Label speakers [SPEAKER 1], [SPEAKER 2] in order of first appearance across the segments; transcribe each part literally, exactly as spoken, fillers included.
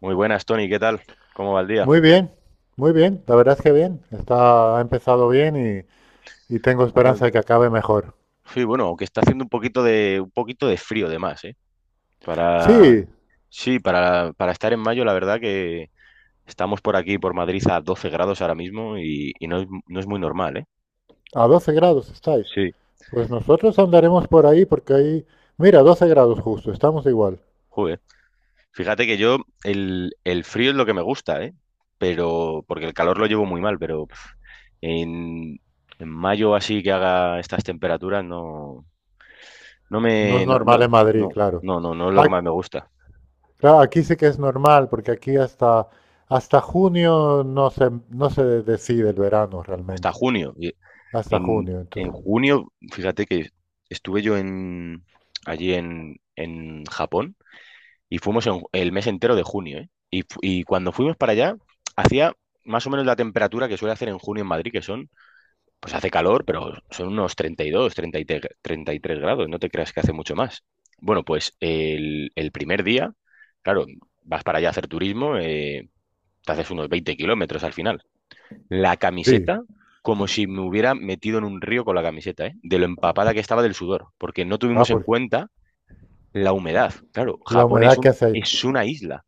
[SPEAKER 1] Muy buenas, Tony, ¿qué tal? ¿Cómo va el día?
[SPEAKER 2] Muy bien, muy bien, la verdad es que bien, está, ha empezado bien y, y tengo esperanza
[SPEAKER 1] Hace-
[SPEAKER 2] de que acabe mejor.
[SPEAKER 1] Sí, bueno, aunque está haciendo un poquito de un poquito de frío de más, ¿eh? Para
[SPEAKER 2] Sí,
[SPEAKER 1] Sí, para, para estar en mayo, la verdad que estamos por aquí por Madrid a doce grados ahora mismo y, y no es, no es muy normal, ¿eh?
[SPEAKER 2] a doce grados estáis.
[SPEAKER 1] Sí,
[SPEAKER 2] Pues nosotros andaremos por ahí porque ahí, mira, doce grados justo, estamos igual.
[SPEAKER 1] joder. Fíjate que yo el, el frío es lo que me gusta, ¿eh? Pero porque el calor lo llevo muy mal, pero pf, en, en mayo así que haga estas temperaturas no no
[SPEAKER 2] No
[SPEAKER 1] me
[SPEAKER 2] es
[SPEAKER 1] no
[SPEAKER 2] normal
[SPEAKER 1] no
[SPEAKER 2] en Madrid,
[SPEAKER 1] no
[SPEAKER 2] claro.
[SPEAKER 1] no no no es lo que
[SPEAKER 2] Ah,
[SPEAKER 1] más me gusta.
[SPEAKER 2] claro, aquí sí que es normal porque aquí hasta, hasta junio no se, no se decide el verano
[SPEAKER 1] Hasta
[SPEAKER 2] realmente,
[SPEAKER 1] junio.
[SPEAKER 2] hasta
[SPEAKER 1] En,
[SPEAKER 2] junio,
[SPEAKER 1] en
[SPEAKER 2] entonces.
[SPEAKER 1] junio, fíjate que estuve yo en, allí en, en Japón y fuimos en- el mes entero de junio, ¿eh? Y, fu- y cuando fuimos para allá, hacía más o menos la temperatura que suele hacer en junio en Madrid, que son, pues hace calor, pero son unos treinta treinta y dos, treinta y dos treinta y tres grados, no te creas que hace mucho más. Bueno, pues el, el primer día, claro, vas para allá a hacer turismo, eh, te haces unos veinte kilómetros, al final la
[SPEAKER 2] Sí,
[SPEAKER 1] camiseta como si me hubiera metido en un río con la camiseta, ¿eh? De lo empapada que estaba del sudor, porque no tuvimos
[SPEAKER 2] ah,
[SPEAKER 1] en
[SPEAKER 2] porque
[SPEAKER 1] cuenta la humedad. Claro,
[SPEAKER 2] la
[SPEAKER 1] Japón es
[SPEAKER 2] humedad que
[SPEAKER 1] un,
[SPEAKER 2] hace ahí,
[SPEAKER 1] es una isla.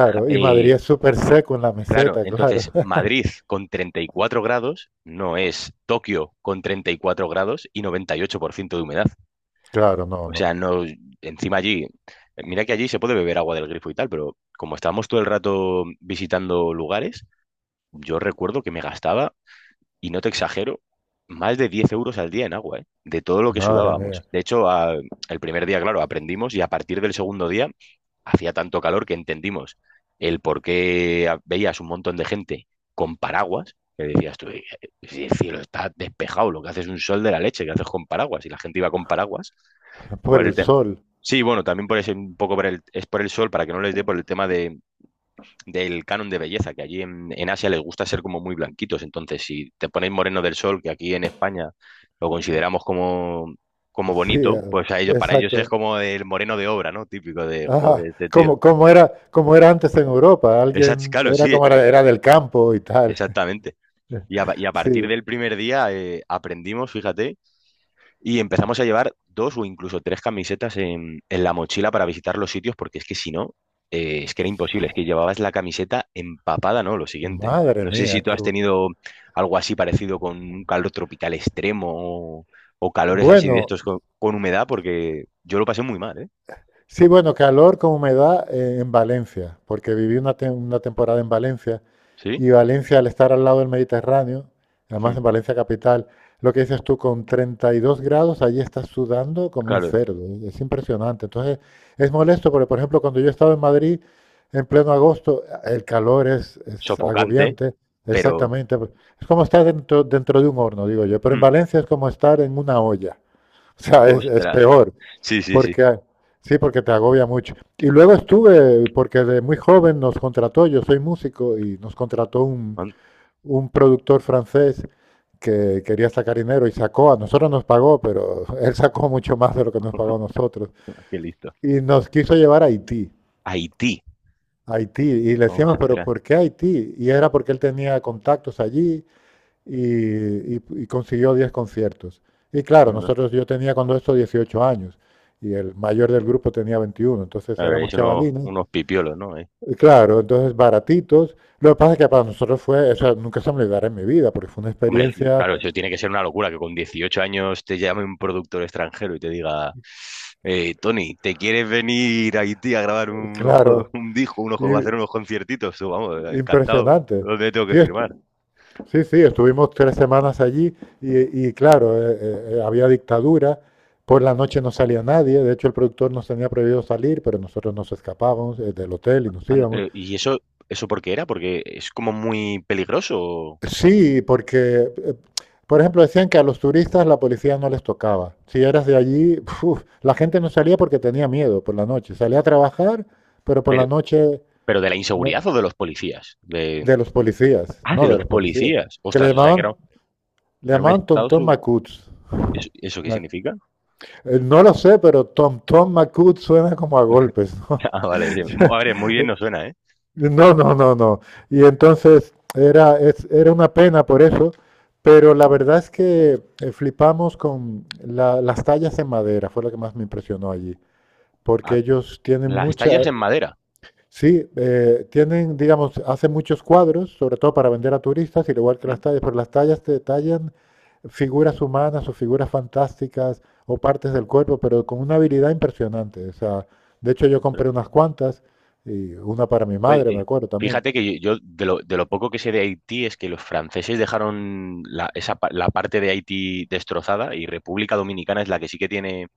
[SPEAKER 1] Ja-
[SPEAKER 2] y Madrid
[SPEAKER 1] eh,
[SPEAKER 2] es súper seco en la
[SPEAKER 1] claro,
[SPEAKER 2] meseta, claro.
[SPEAKER 1] entonces Madrid con treinta y cuatro grados no es Tokio con treinta y cuatro grados y noventa y ocho por ciento de humedad.
[SPEAKER 2] Claro, no,
[SPEAKER 1] O sea,
[SPEAKER 2] no.
[SPEAKER 1] no, encima allí, mira que allí se puede beber agua del grifo y tal, pero como estábamos todo el rato visitando lugares, yo recuerdo que me gastaba, y no te exagero, más de diez euros al día en agua, ¿eh? De todo lo que
[SPEAKER 2] Madre
[SPEAKER 1] sudábamos.
[SPEAKER 2] mía.
[SPEAKER 1] De hecho, a- el primer día, claro, aprendimos, y a partir del segundo día hacía tanto calor que entendimos el por qué a- veías un montón de gente con paraguas, que decías tú: "Eh, si el cielo está despejado, lo que haces es un sol de la leche, ¿qué haces con paraguas?" Y la gente iba con paraguas.
[SPEAKER 2] Por
[SPEAKER 1] Por el
[SPEAKER 2] el
[SPEAKER 1] te-
[SPEAKER 2] sol.
[SPEAKER 1] sí, bueno, también por ese, un poco por el, es por el sol, para que no les dé, por el tema de del canon de belleza, que allí en, en Asia les gusta ser como muy blanquitos. Entonces, si te ponéis moreno del sol, que aquí en España lo consideramos como, como
[SPEAKER 2] Sí,
[SPEAKER 1] bonito,
[SPEAKER 2] eh,
[SPEAKER 1] pues a ellos, para ellos es
[SPEAKER 2] exacto.
[SPEAKER 1] como el moreno de obra, ¿no? Típico de, joder,
[SPEAKER 2] Ah,
[SPEAKER 1] este tío.
[SPEAKER 2] como, como era, como era antes en Europa.
[SPEAKER 1] Esa-
[SPEAKER 2] Alguien
[SPEAKER 1] claro,
[SPEAKER 2] era
[SPEAKER 1] sí,
[SPEAKER 2] como era, era del campo y tal.
[SPEAKER 1] exactamente. Y a, y a partir
[SPEAKER 2] Sí.
[SPEAKER 1] del primer día, eh, aprendimos, fíjate. Y empezamos a llevar dos o incluso tres camisetas en, en la mochila para visitar los sitios, porque es que si no, eh, es que era imposible, es que llevabas la camiseta empapada, ¿no? Lo siguiente.
[SPEAKER 2] Madre
[SPEAKER 1] No sé si
[SPEAKER 2] mía,
[SPEAKER 1] tú
[SPEAKER 2] qué
[SPEAKER 1] has
[SPEAKER 2] bu-
[SPEAKER 1] tenido algo así parecido con un calor tropical extremo, o, o calores así de
[SPEAKER 2] bueno.
[SPEAKER 1] estos con, con humedad, porque yo lo pasé muy mal, ¿eh?
[SPEAKER 2] Sí, bueno, calor con humedad eh, en Valencia, porque viví una, tem- una temporada en Valencia
[SPEAKER 1] Sí.
[SPEAKER 2] y Valencia, al estar al lado del Mediterráneo, además
[SPEAKER 1] Mm.
[SPEAKER 2] en Valencia capital, lo que dices tú, con treinta y dos grados, allí estás sudando como un
[SPEAKER 1] Claro,
[SPEAKER 2] cerdo, ¿eh? Es impresionante. Entonces, es molesto porque, por ejemplo, cuando yo estaba en Madrid en pleno agosto, el calor es, es
[SPEAKER 1] sofocante,
[SPEAKER 2] agobiante,
[SPEAKER 1] pero...
[SPEAKER 2] exactamente. Es como estar dentro, dentro de un horno, digo yo, pero en
[SPEAKER 1] Mm.
[SPEAKER 2] Valencia es como estar en una olla. O sea, es, es
[SPEAKER 1] Ostras,
[SPEAKER 2] peor.
[SPEAKER 1] sí, sí, sí.
[SPEAKER 2] Porque, sí, porque te agobia mucho. Y luego estuve, porque de muy joven nos contrató, yo soy músico, y nos contrató un,
[SPEAKER 1] Man-
[SPEAKER 2] un productor francés que quería sacar dinero y sacó, a nosotros nos pagó, pero él sacó mucho más de lo que nos pagó a nosotros.
[SPEAKER 1] Qué listo.
[SPEAKER 2] Y nos quiso llevar a Haití,
[SPEAKER 1] Haití,
[SPEAKER 2] a Haití. Y le decíamos, pero
[SPEAKER 1] ostras.
[SPEAKER 2] ¿por qué Haití? Y era porque él tenía contactos allí y, y- y consiguió diez conciertos. Y
[SPEAKER 1] No,
[SPEAKER 2] claro,
[SPEAKER 1] no.
[SPEAKER 2] nosotros yo tenía cuando esto dieciocho años y el mayor del grupo tenía veintiuno, entonces
[SPEAKER 1] A ver,
[SPEAKER 2] éramos
[SPEAKER 1] es unos,
[SPEAKER 2] chavalines.
[SPEAKER 1] unos pipiolos, ¿no?
[SPEAKER 2] Y claro, entonces baratitos. Lo que pasa es que para nosotros fue, o sea, nunca se me olvidará en mi vida, porque fue una
[SPEAKER 1] Hombre,
[SPEAKER 2] experiencia,
[SPEAKER 1] claro, eso tiene que ser una locura que con dieciocho años te llame un productor extranjero y te diga: "Eh, Tony, ¿te quieres venir a Haití a grabar un, ojo-
[SPEAKER 2] claro,
[SPEAKER 1] un disco, un ojo- a
[SPEAKER 2] i-
[SPEAKER 1] hacer unos conciertitos?" Tú, vamos, encantado.
[SPEAKER 2] impresionante.
[SPEAKER 1] ¿Dónde tengo que
[SPEAKER 2] Sí, es-
[SPEAKER 1] firmar?
[SPEAKER 2] sí, sí, estuvimos tres semanas allí y, y claro, eh, eh, eh, había dictadura, por la noche no salía nadie, de hecho el productor nos tenía prohibido salir, pero nosotros nos escapábamos eh, del hotel y nos
[SPEAKER 1] Anda,
[SPEAKER 2] íbamos.
[SPEAKER 1] pero, ¿y eso, eso por qué era? Porque es como muy peligroso.
[SPEAKER 2] Sí, porque, eh, por ejemplo, decían que a los turistas la policía no les tocaba. Si eras de allí, uf, la gente no salía porque tenía miedo por la noche. Salía a trabajar, pero por la
[SPEAKER 1] Pero,
[SPEAKER 2] noche
[SPEAKER 1] pero ¿de la
[SPEAKER 2] no,
[SPEAKER 1] inseguridad o de los policías? De,
[SPEAKER 2] de los policías,
[SPEAKER 1] ah,
[SPEAKER 2] no
[SPEAKER 1] de
[SPEAKER 2] de
[SPEAKER 1] los
[SPEAKER 2] los policías,
[SPEAKER 1] policías.
[SPEAKER 2] que le
[SPEAKER 1] Ostras, o sea, que
[SPEAKER 2] llamaban,
[SPEAKER 1] era,
[SPEAKER 2] le
[SPEAKER 1] era un
[SPEAKER 2] llamaban
[SPEAKER 1] estado...
[SPEAKER 2] Tontón
[SPEAKER 1] su-
[SPEAKER 2] Macuts.
[SPEAKER 1] ¿Eso, eso qué
[SPEAKER 2] Me
[SPEAKER 1] significa?
[SPEAKER 2] Eh, No lo sé, pero Tom Tom McCood suena como a golpes, ¿no?
[SPEAKER 1] Ah, vale. Sí. Mu- A ver, muy bien no suena, ¿eh?
[SPEAKER 2] No, no, no, no. Y entonces era, es- era una pena por eso, pero la verdad es que eh, flipamos con la- las tallas en madera, fue lo que más me impresionó allí, porque
[SPEAKER 1] Ah,
[SPEAKER 2] ellos tienen
[SPEAKER 1] las tallas
[SPEAKER 2] mucha,
[SPEAKER 1] en madera.
[SPEAKER 2] sí, eh, tienen, digamos, hacen muchos cuadros, sobre todo para vender a turistas, al igual que las tallas, pero las tallas te detallan figuras humanas o figuras fantásticas o partes del cuerpo, pero con una habilidad impresionante. O sea, de hecho yo
[SPEAKER 1] Claro.
[SPEAKER 2] compré unas cuantas y una para mi
[SPEAKER 1] Oye,
[SPEAKER 2] madre, me
[SPEAKER 1] eh,
[SPEAKER 2] acuerdo también.
[SPEAKER 1] fíjate que yo, yo de lo, de lo poco que sé de Haití es que los franceses dejaron la, esa, pa- la parte de Haití destrozada, y República Dominicana es la que sí que tiene,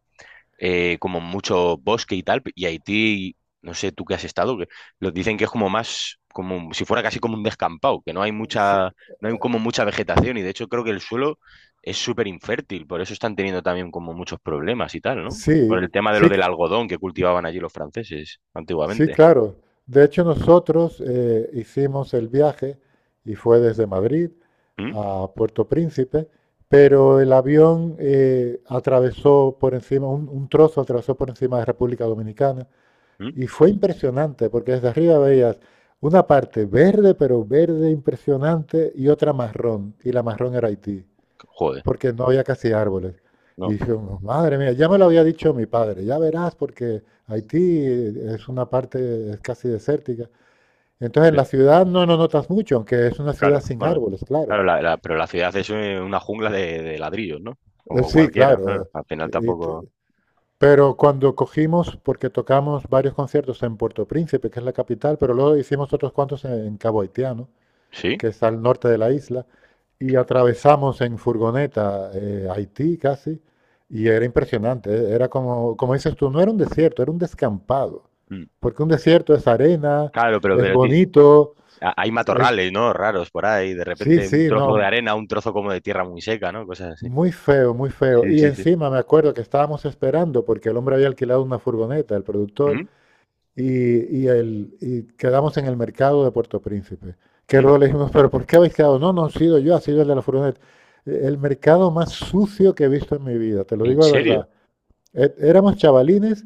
[SPEAKER 1] eh, como mucho bosque y tal, y Haití, no sé tú que has estado, que lo dicen que es como más, como si fuera casi como un descampado, que no hay
[SPEAKER 2] Sí,
[SPEAKER 1] mucha, no hay como mucha vegetación, y de hecho creo que el suelo es súper infértil, por eso están teniendo también como muchos problemas y tal, ¿no? Por
[SPEAKER 2] sí,
[SPEAKER 1] el tema de lo
[SPEAKER 2] sí,
[SPEAKER 1] del algodón que cultivaban allí los franceses
[SPEAKER 2] sí,
[SPEAKER 1] antiguamente.
[SPEAKER 2] claro. De hecho, nosotros eh, hicimos el viaje y fue desde Madrid
[SPEAKER 1] ¿Mm?
[SPEAKER 2] a Puerto Príncipe, pero el avión eh, atravesó por encima, un, un trozo atravesó por encima de República Dominicana
[SPEAKER 1] ¿Mm?
[SPEAKER 2] y fue impresionante porque desde arriba veías una parte verde, pero verde impresionante, y otra marrón, y la marrón era Haití
[SPEAKER 1] Joder,
[SPEAKER 2] porque no había casi árboles. Y
[SPEAKER 1] no.
[SPEAKER 2] dije, madre mía, ya me lo había dicho mi padre, ya verás, porque Haití es una parte es casi desértica. Entonces en
[SPEAKER 1] Sí.
[SPEAKER 2] la ciudad no lo notas mucho, aunque es una ciudad
[SPEAKER 1] Claro,
[SPEAKER 2] sin
[SPEAKER 1] bueno,
[SPEAKER 2] árboles, claro.
[SPEAKER 1] claro, la- la- pero la ciudad es, eh, una jungla de, de ladrillos, ¿no?
[SPEAKER 2] Eh,
[SPEAKER 1] Como
[SPEAKER 2] Sí,
[SPEAKER 1] cualquiera,
[SPEAKER 2] claro.
[SPEAKER 1] claro.
[SPEAKER 2] eh,
[SPEAKER 1] Al final
[SPEAKER 2] Y te-
[SPEAKER 1] tampoco.
[SPEAKER 2] pero cuando cogimos, porque tocamos varios conciertos en Puerto Príncipe, que es la capital, pero luego hicimos otros cuantos en, en Cabo Haitiano,
[SPEAKER 1] ¿Sí?
[SPEAKER 2] que es al norte de la isla, y atravesamos en furgoneta eh, Haití casi, y era impresionante, eh, era como, como dices tú, no era un desierto, era un descampado,
[SPEAKER 1] Mm.
[SPEAKER 2] porque un desierto es arena,
[SPEAKER 1] Claro, pero,
[SPEAKER 2] es
[SPEAKER 1] pero ti-
[SPEAKER 2] bonito,
[SPEAKER 1] ha- hay
[SPEAKER 2] es-
[SPEAKER 1] matorrales, ¿no? Raros por ahí. De
[SPEAKER 2] sí,
[SPEAKER 1] repente un
[SPEAKER 2] sí,
[SPEAKER 1] trozo de
[SPEAKER 2] no,
[SPEAKER 1] arena, un trozo como de tierra muy seca, ¿no? Cosas así.
[SPEAKER 2] muy feo, muy feo.
[SPEAKER 1] Sí,
[SPEAKER 2] Y
[SPEAKER 1] sí, sí.
[SPEAKER 2] encima me acuerdo que estábamos esperando, porque el hombre había alquilado una furgoneta, el productor,
[SPEAKER 1] ¿Mm?
[SPEAKER 2] y, y el- y quedamos en el mercado de Puerto Príncipe. Que
[SPEAKER 1] ¿Mm?
[SPEAKER 2] luego le dijimos, pero ¿por qué habéis quedado? No, no he sido yo, ha sido el de la furgoneta. E- El mercado más sucio que he visto en mi vida, te lo
[SPEAKER 1] ¿En
[SPEAKER 2] digo de verdad.
[SPEAKER 1] serio?
[SPEAKER 2] E- Éramos chavalines,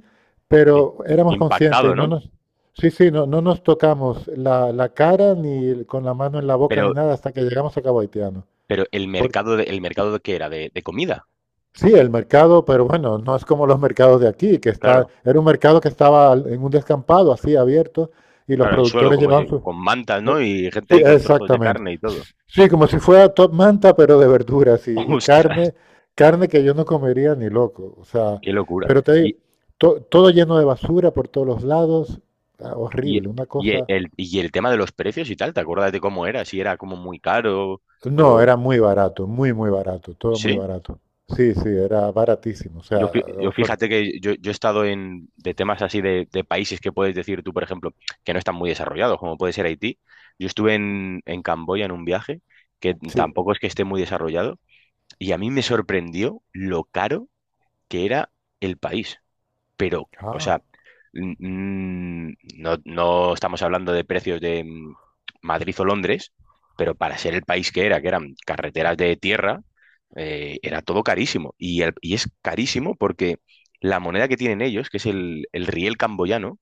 [SPEAKER 1] Sí.
[SPEAKER 2] pero éramos conscientes y
[SPEAKER 1] Impactado,
[SPEAKER 2] no
[SPEAKER 1] ¿no?
[SPEAKER 2] nos, sí, sí, no, no nos tocamos la, la cara ni con la mano en la boca ni
[SPEAKER 1] Pero,
[SPEAKER 2] nada hasta que llegamos a Cabo Haitiano.
[SPEAKER 1] pero el
[SPEAKER 2] Por-
[SPEAKER 1] mercado de, el mercado de qué era, de, de comida.
[SPEAKER 2] sí, el mercado, pero bueno, no es como los mercados de aquí, que está,
[SPEAKER 1] Claro,
[SPEAKER 2] era un mercado que estaba al- en un descampado así abierto y los
[SPEAKER 1] claro, en suelo,
[SPEAKER 2] productores
[SPEAKER 1] como
[SPEAKER 2] llevaban
[SPEAKER 1] si-
[SPEAKER 2] sus...
[SPEAKER 1] con mantas,
[SPEAKER 2] Eh,
[SPEAKER 1] ¿no? Y gente
[SPEAKER 2] Sí,
[SPEAKER 1] ahí con trozos de
[SPEAKER 2] exactamente.
[SPEAKER 1] carne y todo.
[SPEAKER 2] Sí, como si fuera top manta, pero de verduras y, y
[SPEAKER 1] Ostras,
[SPEAKER 2] carne, carne que yo no comería ni loco. O sea,
[SPEAKER 1] qué locura.
[SPEAKER 2] pero te digo, to- todo lleno de basura por todos los lados, ah,
[SPEAKER 1] Y,
[SPEAKER 2] horrible, una
[SPEAKER 1] y e,
[SPEAKER 2] cosa.
[SPEAKER 1] el, y el tema de los precios y tal, ¿te acuerdas de cómo era? Si era como muy caro
[SPEAKER 2] No,
[SPEAKER 1] o...
[SPEAKER 2] era muy barato, muy, muy barato, todo muy
[SPEAKER 1] Sí,
[SPEAKER 2] barato. Sí, sí, era baratísimo. O
[SPEAKER 1] yo,
[SPEAKER 2] sea,
[SPEAKER 1] fí- yo
[SPEAKER 2] nosotros-
[SPEAKER 1] fíjate que yo, yo he estado en, de temas así, de, de países, que puedes decir tú, por ejemplo, que no están muy desarrollados, como puede ser Haití. Yo estuve en, en Camboya en un viaje que
[SPEAKER 2] sí.
[SPEAKER 1] tampoco es que esté muy desarrollado, y a mí me sorprendió lo caro que era el país. Pero, o
[SPEAKER 2] Ah,
[SPEAKER 1] sea, mm, no, no estamos hablando de precios de, mm, Madrid o Londres, pero para ser el país que era, que eran carreteras de tierra, eh, era todo carísimo. Y, el- y es carísimo porque la moneda que tienen ellos, que es el, el riel camboyano,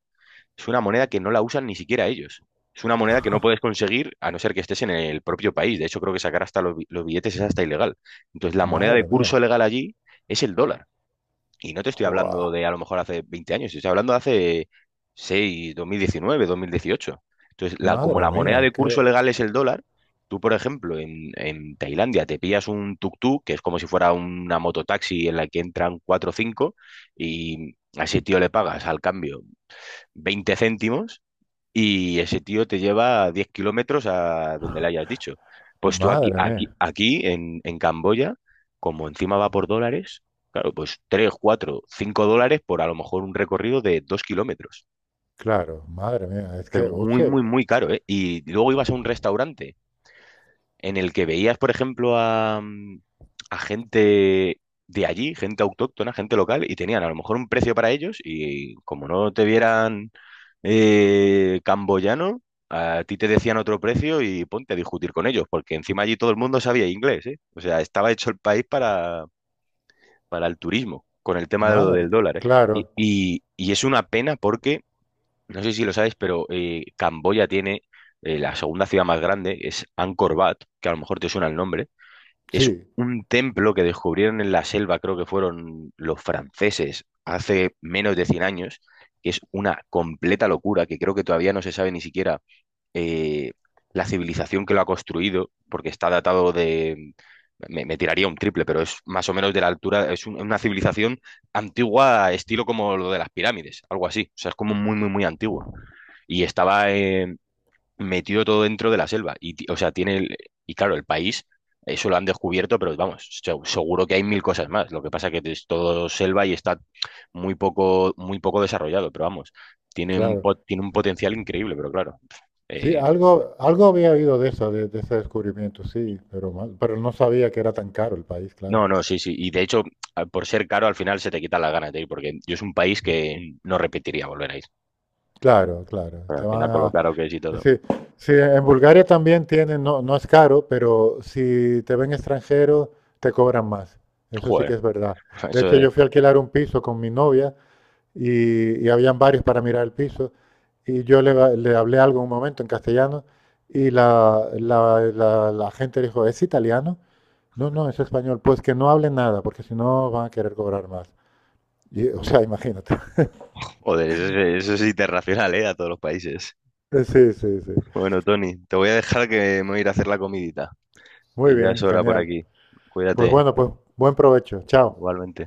[SPEAKER 1] es una moneda que no la usan ni siquiera ellos. Es una moneda que no puedes conseguir a no ser que estés en el propio país. De hecho, creo que sacar hasta los, bi- los billetes, es hasta ilegal. Entonces, la moneda de
[SPEAKER 2] madre
[SPEAKER 1] curso
[SPEAKER 2] mía.
[SPEAKER 1] legal allí es el dólar. Y no te estoy hablando
[SPEAKER 2] Jua,
[SPEAKER 1] de a lo mejor hace veinte años, estoy hablando de hace seis, dos mil diecinueve, dos mil dieciocho. Entonces, la, como
[SPEAKER 2] madre
[SPEAKER 1] la moneda
[SPEAKER 2] mía,
[SPEAKER 1] de curso
[SPEAKER 2] que,
[SPEAKER 1] legal es el dólar, tú, por ejemplo, en, en Tailandia te pillas un tuk-tuk, que es como si fuera una mototaxi en la que entran cuatro o cinco, y a ese tío le pagas al cambio veinte céntimos, y ese tío te lleva diez kilómetros a donde le hayas dicho. Pues tú aquí,
[SPEAKER 2] madre
[SPEAKER 1] aquí,
[SPEAKER 2] mía.
[SPEAKER 1] aquí en, en Camboya, como encima va por dólares, claro, pues tres, cuatro, cinco dólares por a lo mejor un recorrido de dos kilómetros.
[SPEAKER 2] Claro, madre mía, es que,
[SPEAKER 1] Pero
[SPEAKER 2] o
[SPEAKER 1] muy,
[SPEAKER 2] sea,
[SPEAKER 1] muy, muy caro, ¿eh? Y luego ibas a un restaurante en el que veías, por ejemplo, a, mm, a gente de allí, gente autóctona, gente local, y tenían a lo mejor un precio para ellos, y como no te vieran, eh, camboyano, a ti te decían otro precio, y ponte a discutir con ellos, porque encima allí todo el mundo sabía inglés, ¿eh? O sea, estaba hecho el país para, para el turismo, con el tema de lo
[SPEAKER 2] madre,
[SPEAKER 1] del dólar, ¿eh? Y,
[SPEAKER 2] claro.
[SPEAKER 1] y- y es una pena porque, no sé si lo sabes, pero, eh, Camboya tiene... eh, La segunda ciudad más grande es Angkor Wat, que a lo mejor te suena el nombre, es
[SPEAKER 2] Sí,
[SPEAKER 1] un templo que descubrieron en la selva, creo que fueron los franceses, hace menos de cien años, que es una completa locura, que creo que todavía no se sabe ni siquiera, eh, la civilización que lo ha construido, porque está datado de... Me, me tiraría un triple, pero es más o menos de la altura, es un- una civilización antigua, estilo como lo de las pirámides, algo así, o sea, es como muy, muy, muy antiguo. Y estaba, eh, metido todo dentro de la selva. Y, ti- o sea, tiene el- y claro, el país, eso lo han descubierto, pero vamos, se- seguro que hay mil cosas más. Lo que pasa que es todo selva y está muy poco, muy poco desarrollado, pero vamos, tiene un,
[SPEAKER 2] claro.
[SPEAKER 1] po- tiene un potencial increíble, pero claro.
[SPEAKER 2] Sí,
[SPEAKER 1] eh,
[SPEAKER 2] algo, algo había oído de eso, de, de ese descubrimiento, sí, pero, mal- pero no sabía que era tan caro el país, claro.
[SPEAKER 1] no, no, sí, sí. Y de hecho, a- por ser caro, al final se te quitan las ganas de ir, porque yo es un país que no repetiría volver a ir.
[SPEAKER 2] Claro, claro.
[SPEAKER 1] Pero
[SPEAKER 2] Te
[SPEAKER 1] al final,
[SPEAKER 2] van
[SPEAKER 1] con lo
[SPEAKER 2] a,
[SPEAKER 1] caro que es y
[SPEAKER 2] es
[SPEAKER 1] todo.
[SPEAKER 2] decir, sí, en Bulgaria también tienen, no, no es caro, pero si te ven extranjero, te cobran más. Eso sí
[SPEAKER 1] Joder,
[SPEAKER 2] que es verdad. De
[SPEAKER 1] eso
[SPEAKER 2] hecho, yo
[SPEAKER 1] de.
[SPEAKER 2] fui a alquilar un piso con mi novia y, y habían varios para mirar el piso y yo le, va- le hablé algo un momento en castellano y la, la, la, la gente dijo, ¿es italiano? No, no, es español. Pues que no hable nada, porque si no van a querer cobrar más. Y, o sea, imagínate.
[SPEAKER 1] Joder, eso, es- eso es internacional, ¿eh? A todos los países.
[SPEAKER 2] Sí, sí, sí.
[SPEAKER 1] Bueno, Tony, te voy a dejar, que me voy a ir a hacer la comidita,
[SPEAKER 2] Muy
[SPEAKER 1] que ya es
[SPEAKER 2] bien,
[SPEAKER 1] hora por
[SPEAKER 2] genial.
[SPEAKER 1] aquí.
[SPEAKER 2] Pues
[SPEAKER 1] Cuídate,
[SPEAKER 2] bueno, pues buen provecho. Chao.
[SPEAKER 1] igualmente.